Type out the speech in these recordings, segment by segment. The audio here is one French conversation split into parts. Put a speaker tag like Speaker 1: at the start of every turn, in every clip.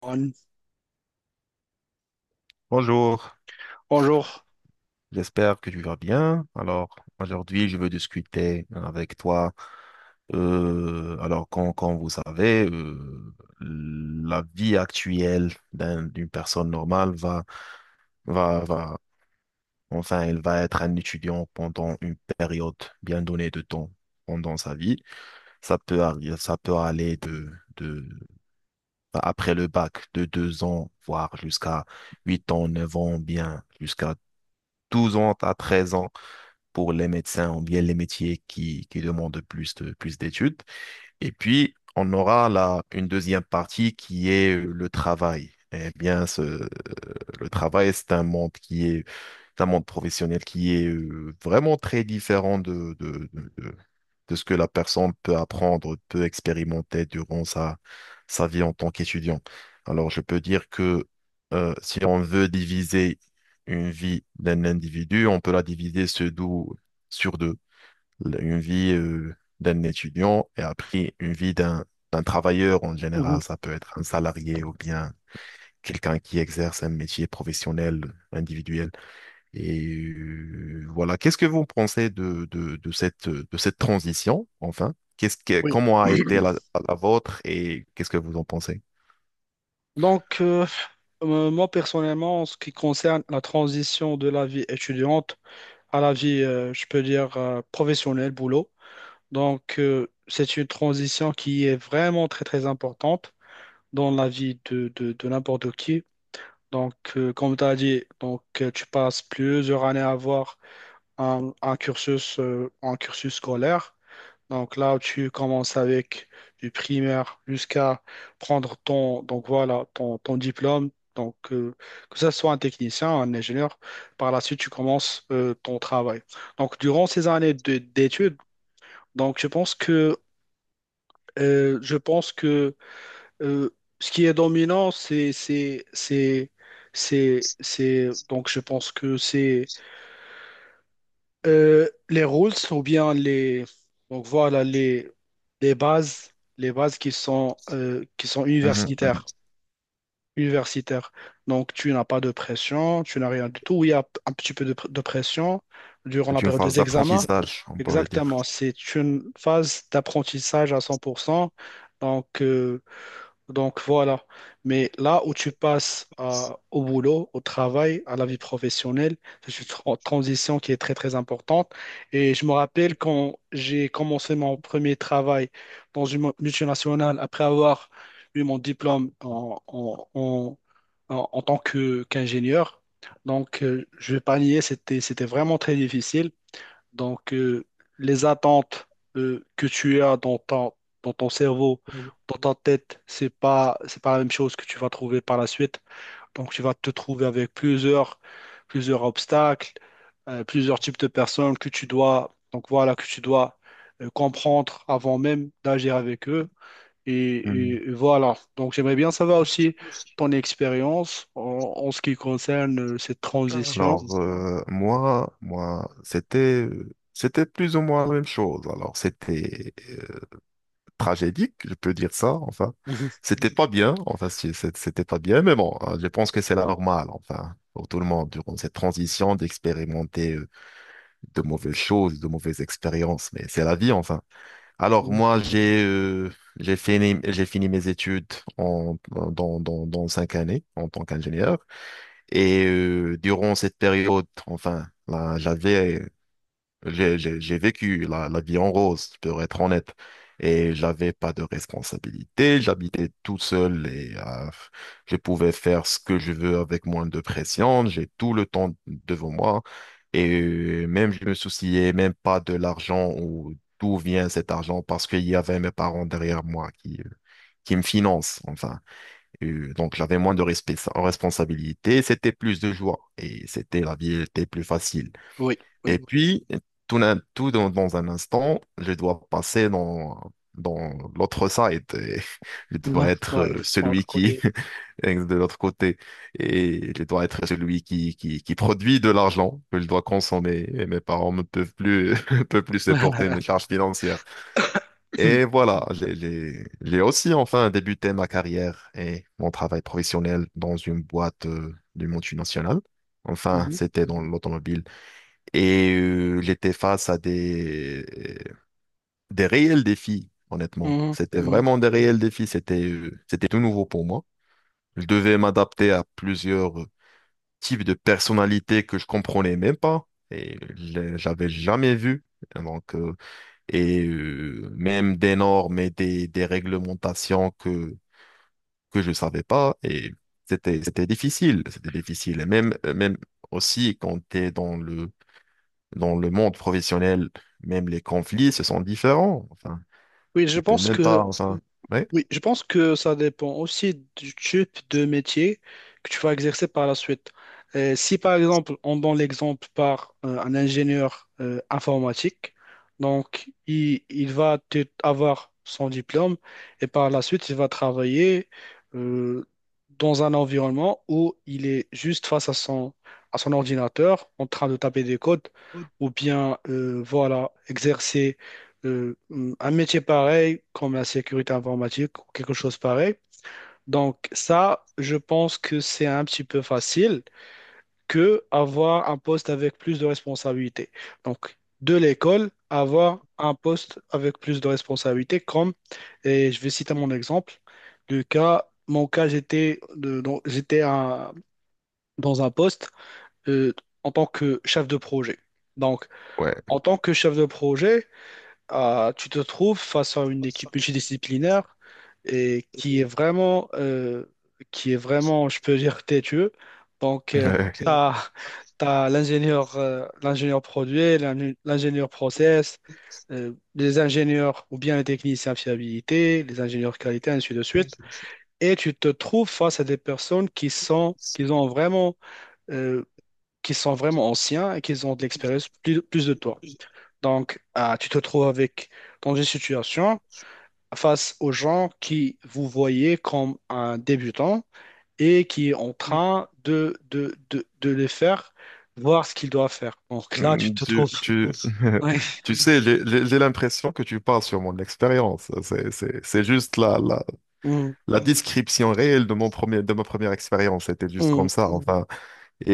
Speaker 1: Juan.
Speaker 2: Bonjour,
Speaker 1: Bonjour.
Speaker 2: j'espère que tu vas bien. Alors, aujourd'hui, je veux discuter avec toi. Comme vous savez, la vie actuelle d'une personne normale va, va, enfin, elle va être un étudiant pendant une période bien donnée de temps pendant sa vie. Ça peut arriver, ça peut aller de, bah, après le bac, de deux ans, voire jusqu'à huit ans, neuf ans, bien, jusqu'à 12 ans à 13 ans, pour les médecins ou bien les métiers qui demandent plus d'études. Et puis, on aura là une deuxième partie qui est le travail. Eh bien, le travail, c'est un monde qui est d'un monde professionnel qui est vraiment très différent de ce que la personne peut apprendre, peut expérimenter durant sa vie en tant qu'étudiant. Alors, je peux dire que si on veut diviser une vie d'un individu, on peut la diviser sur deux. Une vie d'un étudiant et après une vie d'un travailleur en
Speaker 1: Mhm.
Speaker 2: général. Ça peut être un salarié ou bien quelqu'un qui exerce un métier professionnel individuel. Et voilà, qu'est-ce que vous pensez de cette transition, enfin?
Speaker 1: Oui.
Speaker 2: Comment a été la, la vôtre et qu'est-ce que vous en pensez?
Speaker 1: Donc, euh, moi personnellement, en ce qui concerne la transition de la vie étudiante à la vie, je peux dire, professionnelle, boulot, c'est une transition qui est vraiment très, très importante dans la vie de n'importe qui. Donc, comme tu as dit, donc, tu passes plusieurs années à avoir un cursus scolaire. Donc là, tu commences avec du primaire jusqu'à prendre ton, donc voilà, ton diplôme. Donc, que ce soit un technicien, un ingénieur, par la suite, tu commences ton travail. Donc, durant ces d'études, donc je pense que, je pense que euh, ce qui est dominant, donc je pense que c'est les rules ou bien les donc voilà les bases les bases qui sont
Speaker 2: Mhm, mhm.
Speaker 1: universitaires, donc tu n'as pas de pression, tu n'as rien du tout. Oui, il y a un petit peu de, de pression durant
Speaker 2: C'est
Speaker 1: la
Speaker 2: une
Speaker 1: période
Speaker 2: phase
Speaker 1: des examens.
Speaker 2: d'apprentissage, on pourrait dire.
Speaker 1: Exactement, c'est une phase d'apprentissage à 100%. Donc euh, donc voilà. Mais là où au boulot, au travail, à la vie professionnelle, c'est une transition qui est très très importante. Et je me rappelle quand j'ai commencé mon premier travail dans une multinationale, après avoir eu mon diplôme en tant que qu'ingénieur. Donc je vais pas nier, c'était vraiment très difficile. Donc, les attentes que tu as dans ton cerveau, dans ta tête, c'est pas la même chose que tu vas trouver par la suite. Donc, tu vas te trouver avec plusieurs, plusieurs obstacles, plusieurs types de personnes que tu dois, donc voilà, que tu dois comprendre avant même d'agir avec eux. Et,
Speaker 2: Mhm.
Speaker 1: et voilà. Donc, j'aimerais bien savoir aussi ton expérience en, en ce qui concerne cette transition.
Speaker 2: Alors, moi, c'était plus ou moins la même chose. Alors, c'était tragédique, je peux dire ça, enfin. C'était pas bien, enfin, si, c'était pas bien, mais bon, je pense que c'est la normale enfin, pour tout le monde, durant cette transition, d'expérimenter de mauvaises choses, de mauvaises expériences, mais c'est la vie, enfin. Alors,
Speaker 1: Mhm.
Speaker 2: moi, j'ai fini mes études en, dans cinq années en tant qu'ingénieur, et durant cette période, enfin, là, j'ai vécu la, la vie en rose, pour être honnête. Et j'avais pas de responsabilité, j'habitais tout seul et je pouvais faire ce que je veux avec moins de pression, j'ai tout le temps devant moi. Et même je me souciais même pas de l'argent ou d'où vient cet argent parce qu'il y avait mes parents derrière moi qui me financent, enfin. Et, donc j'avais moins de responsabilité, c'était plus de joie et c'était la vie était plus facile.
Speaker 1: Oui, oui.
Speaker 2: Et puis, tout dans un instant, je dois passer dans l'autre side, et je
Speaker 1: Ouais,
Speaker 2: dois être
Speaker 1: ouais, entre
Speaker 2: celui
Speaker 1: côté,
Speaker 2: qui
Speaker 1: oui.
Speaker 2: est de l'autre côté. Et je dois être celui qui produit de l'argent que je dois consommer. Et mes parents ne peuvent plus, peuvent plus supporter mes charges financières. Et voilà, j'ai aussi enfin débuté ma carrière et mon travail professionnel dans une boîte du monde national. Enfin,
Speaker 1: Mhm,
Speaker 2: c'était dans l'automobile. Et j'étais face à des réels défis, honnêtement.
Speaker 1: mhm,
Speaker 2: C'était
Speaker 1: mhm.
Speaker 2: vraiment des réels défis. C'était tout nouveau pour moi. Je devais m'adapter à plusieurs types de personnalités que je comprenais même pas et j'avais jamais vu. Donc, euh, même des normes et des réglementations que je savais pas. Et c'était difficile. C'était difficile. Et même, même aussi quand tu es dans le monde professionnel, même les conflits, ce sont différents. Enfin,
Speaker 1: Oui, je
Speaker 2: tu peux
Speaker 1: pense
Speaker 2: même
Speaker 1: que
Speaker 2: pas, enfin, ouais,
Speaker 1: Oui, je pense que ça dépend aussi du type de métier que tu vas exercer par la suite. Si par exemple, on donne l'exemple par un ingénieur informatique, donc il va avoir son diplôme et par la suite, il va travailler euh, dans un environnement où il est juste face à son ordinateur en train de taper des codes ou bien voilà, exercer un métier pareil comme la sécurité informatique ou quelque chose pareil. Donc ça, je pense que c'est un petit peu facile que avoir un poste avec plus de responsabilités. Donc de l'école, avoir un poste avec plus de responsabilités comme, et je vais citer mon exemple, le cas, mon cas, j'étais dans un poste euh, en tant que chef de projet. Donc
Speaker 2: ouais.
Speaker 1: en tant que chef de projet, ah, tu te trouves face à une équipe multidisciplinaire et qui est vraiment, je peux dire, têtue. Donc, tu
Speaker 2: Ouais.
Speaker 1: as, l'ingénieur l'ingénieur produit, l'ingénieur process, les ingénieurs ou bien les techniciens fiabilité, les ingénieurs qualité, ainsi de suite. Et tu te trouves face à des personnes qui sont, qui ont vraiment, euh, qui sont vraiment anciens et qui ont de l'expérience plus, plus de toi. Donc, tu te trouves avec, dans une situation face aux gens qui vous voyez comme un débutant et qui est en train de les faire voir ce qu'ils doivent faire. Donc là, tu
Speaker 2: Mm,
Speaker 1: te trouves. Oui.
Speaker 2: Tu sais, j'ai l'impression que tu parles sur mon expérience. C'est juste
Speaker 1: Mm,
Speaker 2: la description réelle de mon premier, de ma première expérience. C'était juste
Speaker 1: mm,
Speaker 2: comme ça, enfin. Et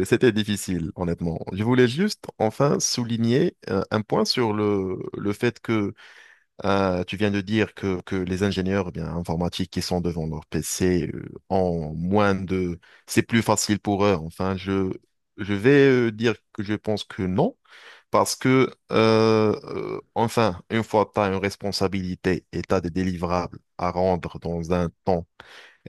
Speaker 2: c'était difficile, honnêtement. Je voulais juste, enfin, souligner un point sur le fait que tu viens de dire que les ingénieurs eh bien, informatiques qui sont devant leur PC ont moins de... C'est plus facile pour eux. Enfin, je vais dire que je pense que non, parce que, enfin, une fois que tu as une responsabilité et tu as des délivrables à rendre dans un temps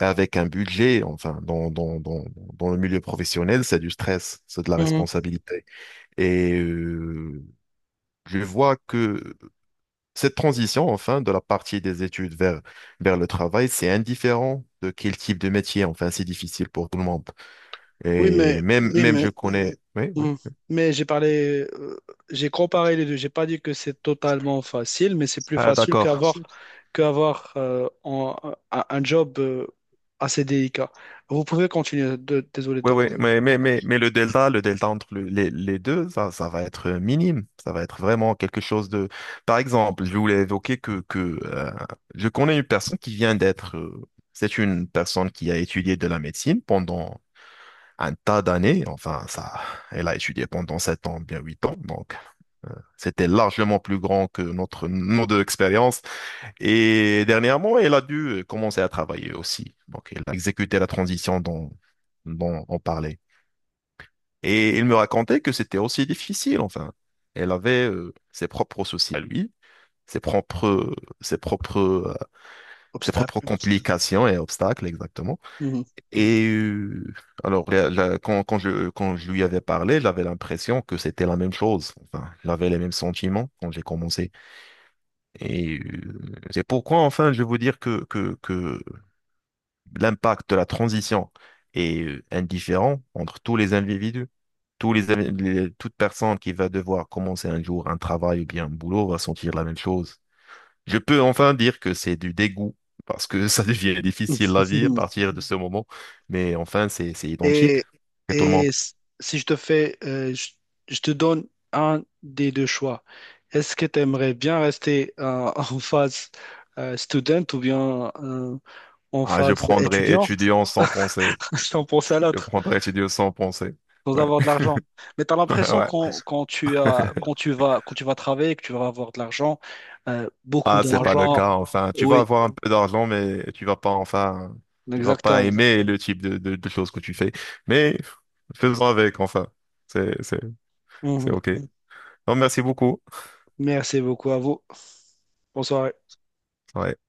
Speaker 2: et avec un budget, enfin, dans le milieu professionnel, c'est du stress, c'est de la
Speaker 1: mm.
Speaker 2: responsabilité. Et je vois que cette transition, enfin, de la partie des études vers le travail, c'est indifférent de quel type de métier. Enfin, c'est difficile pour tout le monde.
Speaker 1: Oui,
Speaker 2: Et
Speaker 1: mais,
Speaker 2: même,
Speaker 1: oui,
Speaker 2: même
Speaker 1: mais
Speaker 2: je connais. Oui, oui.
Speaker 1: Mm. Mais j'ai parlé, j'ai comparé les deux. J'ai pas dit que c'est totalement facile, mais c'est plus
Speaker 2: Ah,
Speaker 1: facile
Speaker 2: d'accord.
Speaker 1: qu'avoir un job assez délicat. Vous pouvez continuer. Désolé
Speaker 2: Oui, oui,
Speaker 1: d'avoir
Speaker 2: mais le delta entre les deux, ça va être minime. Ça va être vraiment quelque chose de. Par exemple, je voulais évoquer que je connais une personne qui vient d'être, c'est une personne qui a étudié de la médecine pendant un tas d'années. Enfin, ça, elle a étudié pendant sept ans, bien huit ans. Donc, c'était largement plus grand que notre nombre d'expérience. Et dernièrement, elle a dû commencer à travailler aussi. Donc, elle a exécuté la transition dont on parlait. Et il me racontait que c'était aussi difficile, enfin. Elle avait ses propres soucis à lui, ses propres, ses propres, euh, ses propres
Speaker 1: obstacle.
Speaker 2: complications et obstacles, exactement.
Speaker 1: Mhm.
Speaker 2: Et quand je lui avais parlé, j'avais l'impression que c'était la même chose. Enfin, j'avais les mêmes sentiments quand j'ai commencé. Et c'est pourquoi, enfin, je vais vous dire que l'impact de la transition est indifférent entre tous les individus. Tous les, invi- les- toute personne qui va devoir commencer un jour un travail ou bien un boulot va sentir la même chose. Je peux enfin dire que c'est du dégoût parce que ça devient difficile la vie à partir de ce moment. Mais enfin, c'est identique
Speaker 1: Et
Speaker 2: et tout le monde.
Speaker 1: si je te fais, je te donne un des deux choix. Est-ce que tu aimerais bien rester en phase student ou bien en
Speaker 2: Ah, je
Speaker 1: phase
Speaker 2: prendrais
Speaker 1: étudiant?
Speaker 2: étudiant sans penser.
Speaker 1: Je t'en pense à
Speaker 2: Je
Speaker 1: l'autre.
Speaker 2: prendrais étudiant sans penser.
Speaker 1: Sans
Speaker 2: Ouais.
Speaker 1: avoir de l'argent. Mais tu as l'impression
Speaker 2: Ouais.
Speaker 1: quand, quand tu as, quand tu vas travailler, que tu vas avoir de l'argent, beaucoup
Speaker 2: Ah, c'est pas Donc, le
Speaker 1: d'argent.
Speaker 2: cas, enfin. Tu vas
Speaker 1: Oui,
Speaker 2: avoir un peu d'argent, mais tu vas pas, enfin, tu vas pas
Speaker 1: exactement.
Speaker 2: aimer le type de choses que tu fais. Mais faisons avec, enfin. C'est, c'est, c'est
Speaker 1: Mhm.
Speaker 2: OK. Oui. Non, merci beaucoup.
Speaker 1: Merci beaucoup à vous. Bonsoir.
Speaker 2: Ouais.